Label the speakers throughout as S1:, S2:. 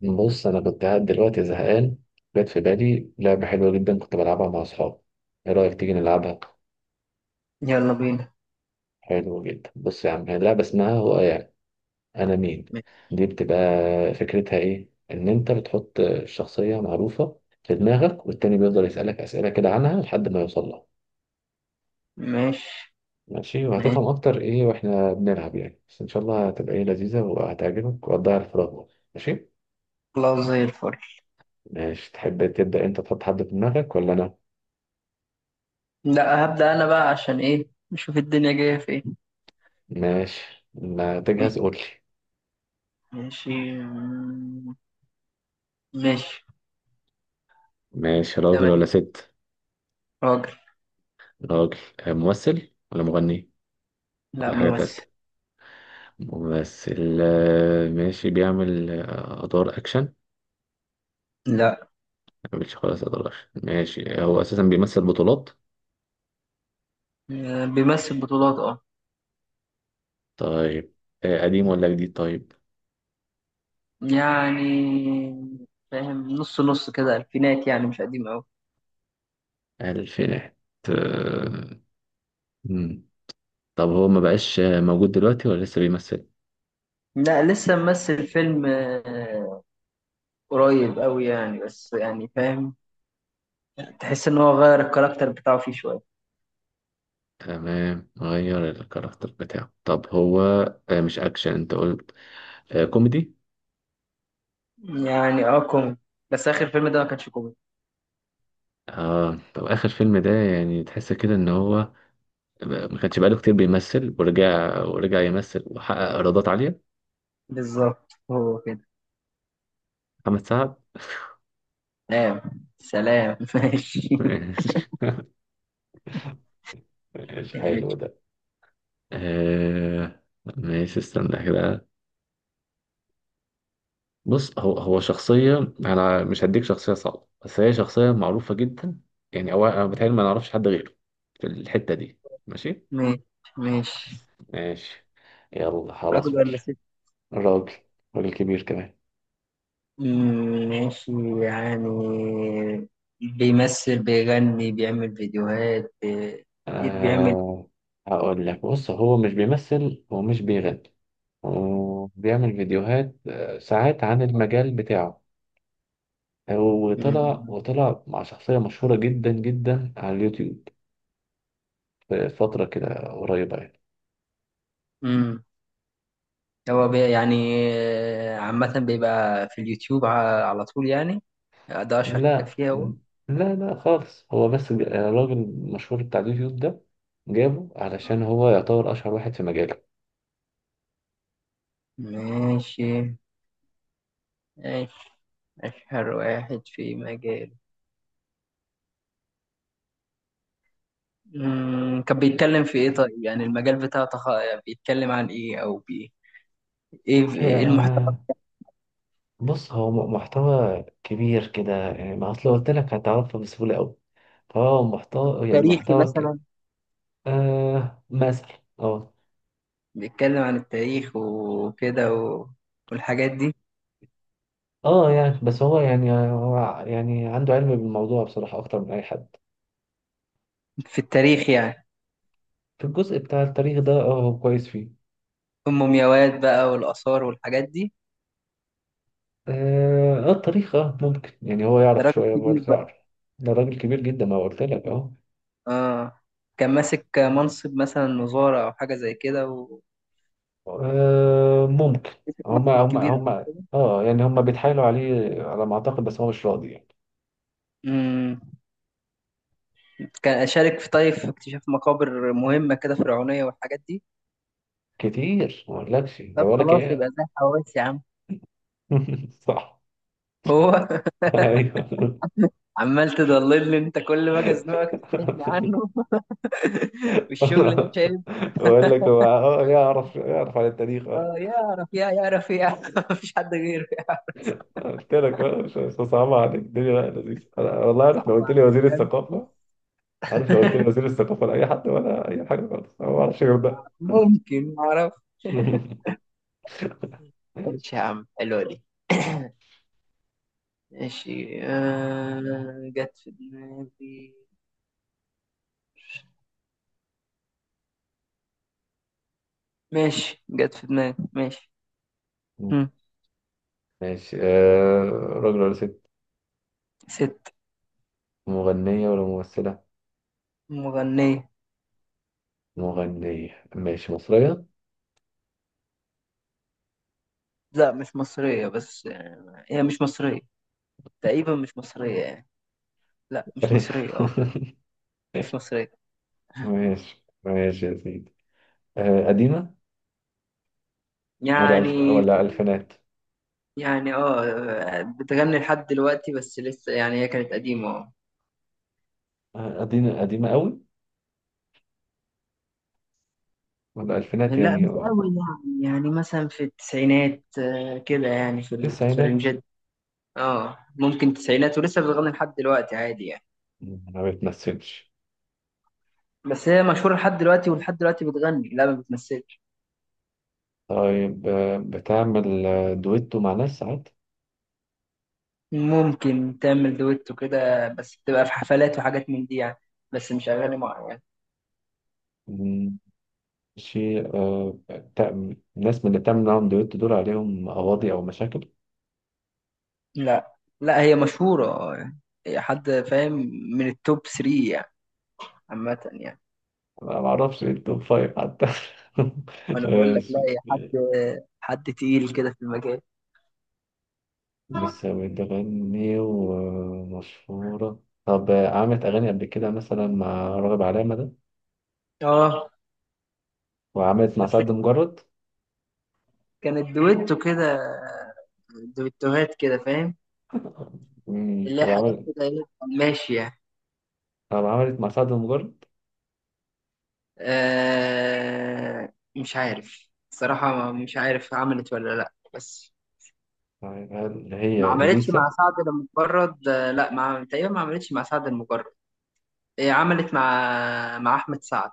S1: بص، انا كنت قاعد دلوقتي زهقان. جت في بالي لعبه حلوه جدا كنت بلعبها مع اصحابي. ايه رايك تيجي نلعبها؟
S2: يلا بينا.
S1: حلو جدا. بص يا عم، هي اللعبه اسمها هو يعني انا مين. دي بتبقى فكرتها ايه، ان انت بتحط شخصيه معروفه في دماغك والتاني بيفضل يسالك اسئله كده عنها لحد ما يوصل لها.
S2: ماشي.
S1: ماشي،
S2: ماشي،
S1: وهتفهم اكتر ايه واحنا بنلعب يعني، بس ان شاء الله هتبقى ايه لذيذه وهتعجبك وهتضيع الفراغ برضه. ماشي.
S2: خلاص زي الفل.
S1: ماشي، تحب تبدا انت تحط حد في دماغك ولا انا؟
S2: لا، هبدأ أنا بقى، عشان إيه؟ نشوف الدنيا جاية فين.
S1: ماشي، ما تجهز قول لي.
S2: ماشي. مم، ماشي.
S1: ماشي، راجل
S2: تمام.
S1: ولا ست؟
S2: راجل.
S1: راجل. ممثل ولا مغني؟
S2: لا،
S1: ولا حاجة
S2: ممثل.
S1: تالتة؟ ممثل، ماشي. بيعمل أدوار أكشن؟ ما
S2: لا،
S1: بيعملش خالص أدوار أكشن. ماشي، هو أساسا بيمثل بطولات.
S2: بيمثل بطولات اه.
S1: طيب، قديم ولا جديد؟ طيب.
S2: يعني فاهم، نص نص كده، الفينات، يعني مش قديم أوي.
S1: ألفينات. آه، مم. طب هو ما بقاش موجود دلوقتي ولا لسه بيمثل؟
S2: لا، لسه ممثل فيلم قريب أوي يعني، بس يعني فاهم، تحس إن هو غير الكاركتر بتاعه فيه شوية.
S1: تمام، غير الكاركتر بتاعه. طب هو مش أكشن أنت قلت. كوميدي.
S2: يعني اه كوميدي، بس آخر فيلم ده ما كانش كوميدي.
S1: آه، طب آخر فيلم ده يعني تحس كده إن هو ما كانش بقاله كتير بيمثل، ورجع يمثل وحقق ايرادات عاليه.
S2: بالظبط هو كده.
S1: محمد سعد.
S2: سلام. سلام ماشي.
S1: ماشي. ماشي، حلو
S2: ماشي.
S1: ده. آه... ماشي، استنى كده. بص، هو شخصيه، انا مش هديك شخصيه صعبه، بس هي شخصيه معروفه جدا. يعني هو انا بتهيألي ما نعرفش حد غيره في الحته دي. ماشي.
S2: ماشي،
S1: ماشي. يلا خلاص
S2: راجل
S1: قول.
S2: ولا ست؟
S1: راجل. راجل كبير كمان.
S2: ماشي. يعني بيمثل، بيغني، بيعمل فيديوهات ايه بيعمل؟
S1: آه... هقول لك، بص هو مش بيمثل ومش بيغني، وبيعمل فيديوهات ساعات عن المجال بتاعه.
S2: مم،
S1: وطلع مع شخصية مشهورة جدا جدا على اليوتيوب في فترة كده قريبة يعني.
S2: مم. هو بي يعني عامة بيبقى في اليوتيوب على طول يعني، ده أشهر حاجة
S1: لا
S2: فيها هو.
S1: لا لا خالص. هو بس الراجل المشهور بتاع اليوتيوب ده جابه علشان هو يعتبر أشهر واحد في مجاله.
S2: ماشي. ماشي. أشهر واحد في مجال. مم، كان بيتكلم في ايه طيب؟ يعني المجال بتاعه بيتكلم عن ايه او ايه
S1: أصل
S2: ايه المحتوى؟
S1: بص هو محتوى كبير كده يعني. ما أصل قلت لك هتعرفه بسهولة أوي، فهو محتوى يعني
S2: التاريخي
S1: محتوى كده.
S2: مثلا؟
S1: آه، مثلا. اه.
S2: بيتكلم عن التاريخ وكده و... والحاجات دي.
S1: اه يعني، بس هو يعني عنده علم بالموضوع بصراحة أكتر من أي حد.
S2: في التاريخ يعني.
S1: في الجزء بتاع التاريخ ده اه هو كويس فيه.
S2: ام مومياوات بقى والاثار والحاجات دي.
S1: اه، التاريخ اه ممكن، يعني هو
S2: ده
S1: يعرف
S2: راجل
S1: شوية
S2: كبير
S1: برضه
S2: بقى.
S1: يعرف. ده راجل كبير جدا، ما قلت لك اهو.
S2: اه كان ماسك منصب مثلا، وزارة او حاجة زي كده، ومسك
S1: ممكن. هما
S2: منصب
S1: هما
S2: كبير قبل
S1: هما
S2: كده.
S1: اه يعني هما بيتحايلوا عليه على ما أعتقد، بس هو مش راضي يعني.
S2: مم. كان اشارك في طيب في اكتشاف مقابر مهمة كده فرعونية والحاجات دي.
S1: كتير، ما اقولكش ده
S2: طب
S1: بقولك
S2: خلاص، يبقى
S1: ايه.
S2: ده حواس يا عم.
S1: صح.
S2: هو؟
S1: ايوه.
S2: عمال تضللني انت، كل ما اجي ازنقك تبعدني عنه. والشغل ده مش عيب.
S1: بقول لك هو اه يعرف عن التاريخ
S2: اه يعرف يا، يعرف يا مفيش حد غيره يعرف.
S1: قلت لك مش صعبة عليك الدنيا، لا لذيذة. أنا والله عارف لو
S2: صعب
S1: قلت لي وزير
S2: عليا انت
S1: الثقافة.
S2: بس.
S1: عارف لو قلت لي وزير الثقافة لأي حد ولا أي حاجة خالص، أنا ما بعرفش غير ده.
S2: ممكن ما اعرف. ماشي يا عم، حلوه دي. ماشي آه، جت في دماغي. ماشي، جت في دماغي. ماشي. هم.
S1: ماشي. راجل ولا ست؟
S2: ست.
S1: مغنية ولا ممثلة؟
S2: مغنية.
S1: مغنية. ماشي، مصرية؟
S2: لا مش مصرية، بس هي مش مصرية، تقريبا مش مصرية يعني. لا مش مصرية اه. مش مصرية.
S1: ماشي. ماشي يا سيدي. قديمة، ولا
S2: يعني
S1: ألفينات؟
S2: يعني اه بتغني لحد دلوقتي، بس لسه يعني هي كانت قديمة اه.
S1: قديمة قديمة قوي؟ ولا ألفينات
S2: لا
S1: يعني؟
S2: مش قوي يعني، يعني مثلا في التسعينات كده، يعني في في
S1: تسعينات.
S2: الرنجات دي. اه ممكن تسعينات، ولسه بتغني لحد دلوقتي عادي يعني.
S1: ما بتمثلش؟
S2: بس هي مشهورة لحد دلوقتي، ولحد دلوقتي بتغني. لا ما بتمثلش.
S1: طيب بتعمل دويتو مع ناس ساعات؟
S2: ممكن تعمل دويتو كده، بس بتبقى في حفلات وحاجات من دي يعني، بس مش أغاني معينة يعني.
S1: مم، شيء ناس من اللي بتعمل معاهم دويتو دول عليهم قواضي أو مشاكل؟
S2: لا. لا هي مشهورة يعني، هي حد فاهم، من التوب 3 يعني، عامة يعني.
S1: أنا معرفش إيه التوب فايف حتى.
S2: انا بقول لك لا،
S1: ماشي.
S2: يا حد، حد تقيل كده في المجال.
S1: لسه بتغني ومشهورة. طب عملت أغاني قبل كده مثلا مع راغب علامة ده،
S2: اه
S1: وعملت مع
S2: بس
S1: سعد
S2: كان-
S1: مجرد؟
S2: كانت دويتو كده، دويتوهات كده فاهم، اللي هي
S1: طب
S2: حاجات
S1: عملت.
S2: كده ايه، ماشية.
S1: طب عملت مع سعد مجرد؟
S2: آه مش عارف الصراحة، مش عارف عملت ولا لا، بس
S1: طيب، هل
S2: ما
S1: هي
S2: عملتش مع
S1: إليسا؟
S2: سعد المجرد. لا ما تقريبا ما عملتش مع سعد المجرد. هي عملت مع أحمد سعد.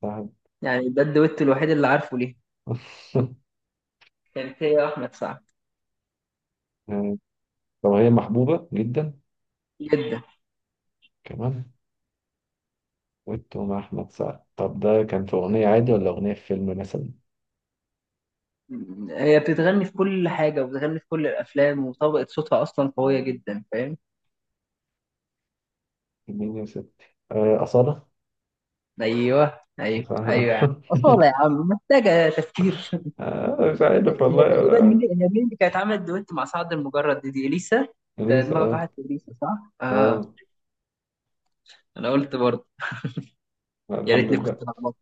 S1: سعد.
S2: يعني ده الدويتو الوحيد اللي عارفه ليه. كانت هي وأحمد سعد.
S1: طب هي محبوبة جدا
S2: جدا.
S1: كمان. ويت مع أحمد سعد، طب ده كان في أغنية عادي ولا أغنية في فيلم مثلا؟
S2: هي بتتغني في كل حاجة، وبتغني في كل الأفلام، وطبقة صوتها أصلا قوية جدا، فاهم؟
S1: مين يا ستي؟ أصالة؟
S2: أيوه أيوه أيوه يا عم،
S1: ف-
S2: أصالة يا عم، محتاجة تفكير؟
S1: مش عارف والله
S2: هي تقريبا مين، هي مين اللي كانت عملت دويت مع سعد المجرد دي؟ دي إليسا، أنت
S1: أنيسة
S2: دماغك واحد
S1: أه.
S2: في إليسا، صح؟ آه.
S1: أه.
S2: أنا قلت برضه.
S1: لا،
S2: يا
S1: الحمد
S2: ريتني كنت
S1: لله.
S2: لخبطت.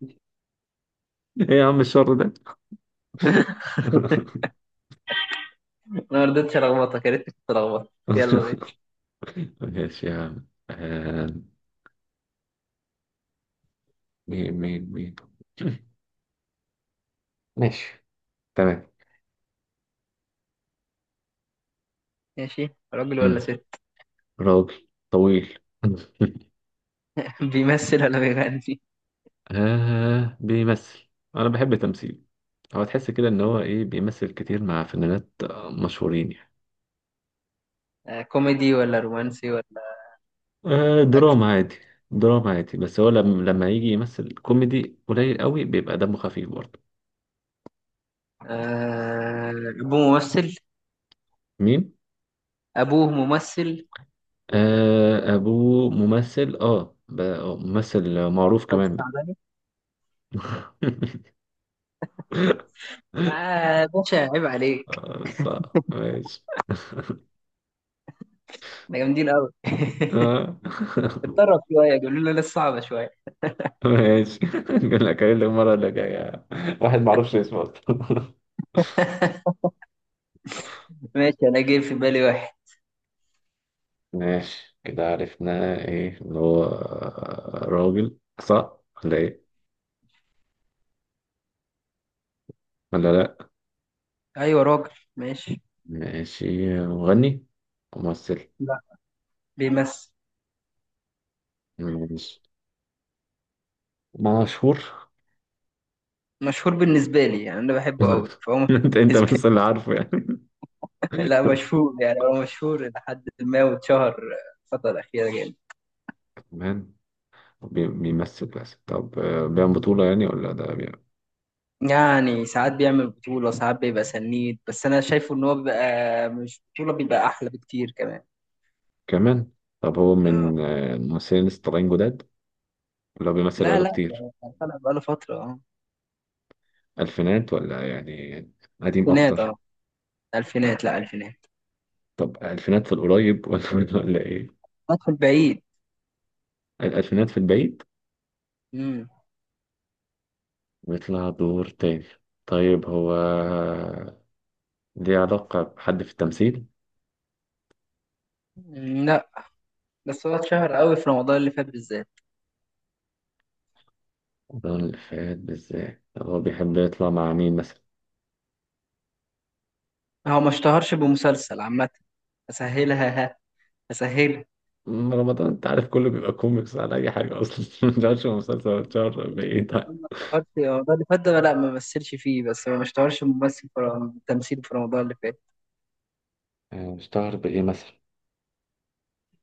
S1: إيه يا عم الشر ده؟
S2: أنا ما رضيتش ألخبطك، يا ريتني كنت لخبطت. يلا ماشي.
S1: ماشي يا عم. مين. ماشي. تمام.
S2: ماشي، راجل ولا
S1: مم.
S2: ست؟
S1: راجل طويل.
S2: بيمثل ولا بيغني؟
S1: آه بيمثل. أنا بحب تمثيله. هو تحس كده ان هو ايه، بيمثل كتير مع فنانات مشهورين يعني.
S2: آه كوميدي ولا رومانسي ولا أكشن؟
S1: دراما عادي. دراما عادي، بس هو لما يجي يمثل كوميدي قليل قوي بيبقى دمه خفيف برضه.
S2: آه أبوه ممثل.
S1: مين؟
S2: ابوه ممثل
S1: آه، ابوه ممثل. اه، ممثل معروف
S2: بس
S1: كمان.
S2: تعبان. اه يا باشا عيب عليك،
S1: صح ماشي.
S2: احنا جامدين قوي.
S1: آه.
S2: اتدرب شويه، قالوا لنا لسه صعبه شويه.
S1: ماشي. نقول لك المرة اللي جاية. واحد معرفش اسمه أصلاً.
S2: ماشي، انا جاي في بالي واحد.
S1: ماشي. كده عرفنا ايه، اللي هو راجل صح ولا ايه؟ ولا لا؟
S2: ايوه راجل، ماشي.
S1: ماشي. مغني؟ ممثل.
S2: لا، بيمثل.
S1: ماشي. مشهور؟
S2: مشهور بالنسبه لي يعني، انا بحبه قوي فهو مشهور
S1: انت
S2: بالنسبه
S1: بس اللي عارفه يعني.
S2: لي. لا مشهور يعني، هو مشهور لحد ما واتشهر الفتره الاخيره جامد.
S1: كمان. بيمثل بس. طب بيعمل بطولة يعني، ولا ده بيعمل.
S2: يعني ساعات بيعمل بطولة، ساعات بيبقى سنيد، بس أنا شايفه إن هو بيبقى مش بطولة بيبقى أحلى بكتير. كمان
S1: كمان. طب هو
S2: آه.
S1: من الممثلين اللي لسه طالعين جداد ولا هو بيمثل
S2: لا
S1: بقاله
S2: لا،
S1: كتير؟
S2: ده طلع بقاله فترة اه.
S1: ألفينات ولا يعني؟ قديم
S2: الفينات
S1: أكتر.
S2: اه، الفينات، لا الفينات
S1: طب ألفينات في القريب ولا ولا إيه؟
S2: ادخل بعيد.
S1: الألفينات في البعيد.
S2: امم.
S1: بيطلع دور تاني. طيب هو ليه علاقة بحد في التمثيل؟
S2: لا، بس هو اتشهر قوي في رمضان اللي فات بالذات.
S1: رمضان اللي فات بالذات؟ طب هو بيحب يطلع مع مين مثلا؟
S2: هو ما اشتهرش بمسلسل عامة. اسهلها ها، اسهلها.
S1: أم رمضان، انت عارف كله بيبقى كوميكس على اي حاجة اصلا. متعرفش هو مسلسل اتشهر بايه طيب.
S2: هو ما اشتهرش رمضان اللي فات ده، لا ما مثلش فيه، بس هو ما اشتهرش ممثل في تمثيل في رمضان اللي فات.
S1: اشتهر بايه مثلا؟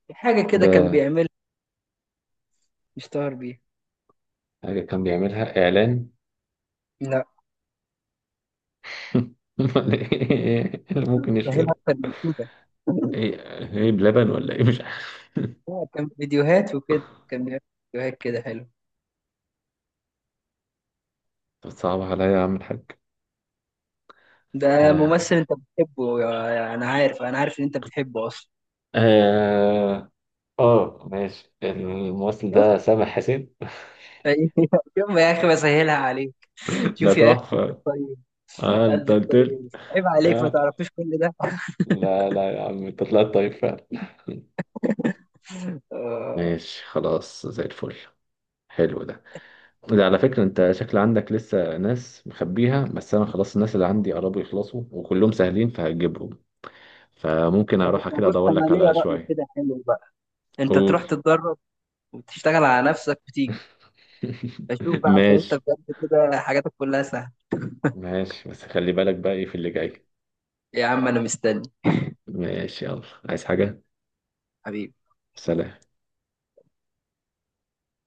S2: في حاجة كده كان
S1: بحاجة.
S2: بيعملها، اشتهر بيها.
S1: كان بيعملها اعلان؟
S2: لا،
S1: ولا ايه اللي ممكن يشهر؟
S2: سهلها اكتر من كده.
S1: ايه ايه بلبن ولا ايه مش عارف.
S2: لا، كان فيديوهات وكده كان بيعمل، فيديوهات كده حلو.
S1: صعب عليا يا عم الحاج.
S2: ده
S1: آه
S2: ممثل انت بتحبه انا عارف، انا عارف ان انت بتحبه اصلا.
S1: آه آه، ماشي، الممثل ده سامح حسين.
S2: أيوة. شوف يا اخي بسهلها عليك،
S1: ده
S2: شوف يا اخي، قلبي
S1: تحفة.
S2: الطيب.
S1: اه انت
S2: قلبي
S1: قلت لي.
S2: الطيب، عيب عليك ما
S1: اه.
S2: تعرفيش كل ده.
S1: لا لا يا عم، انت طلعت طيب فعلا.
S2: آه.
S1: ماشي خلاص، زي الفل. حلو ده. ده على فكرة انت شكل عندك لسه ناس مخبيها، بس انا خلاص الناس اللي عندي قربوا يخلصوا وكلهم سهلين فهجيبهم. فممكن
S2: طب
S1: اروح
S2: أنا
S1: كده
S2: بص،
S1: ادور
S2: انا
S1: لك
S2: ليا
S1: على
S2: رأي
S1: شوية.
S2: كده حلو بقى، انت
S1: قول.
S2: تروح تتدرب وتشتغل على نفسك وتيجي اشوف بقى، عشان انت
S1: ماشي.
S2: بجد كده حاجاتك كلها سهله.
S1: ماشي، بس خلي بالك بقى ايه في اللي جاي.
S2: يا عم انا مستني.
S1: ماشي يلا. عايز حاجة؟
S2: حبيبي
S1: سلام.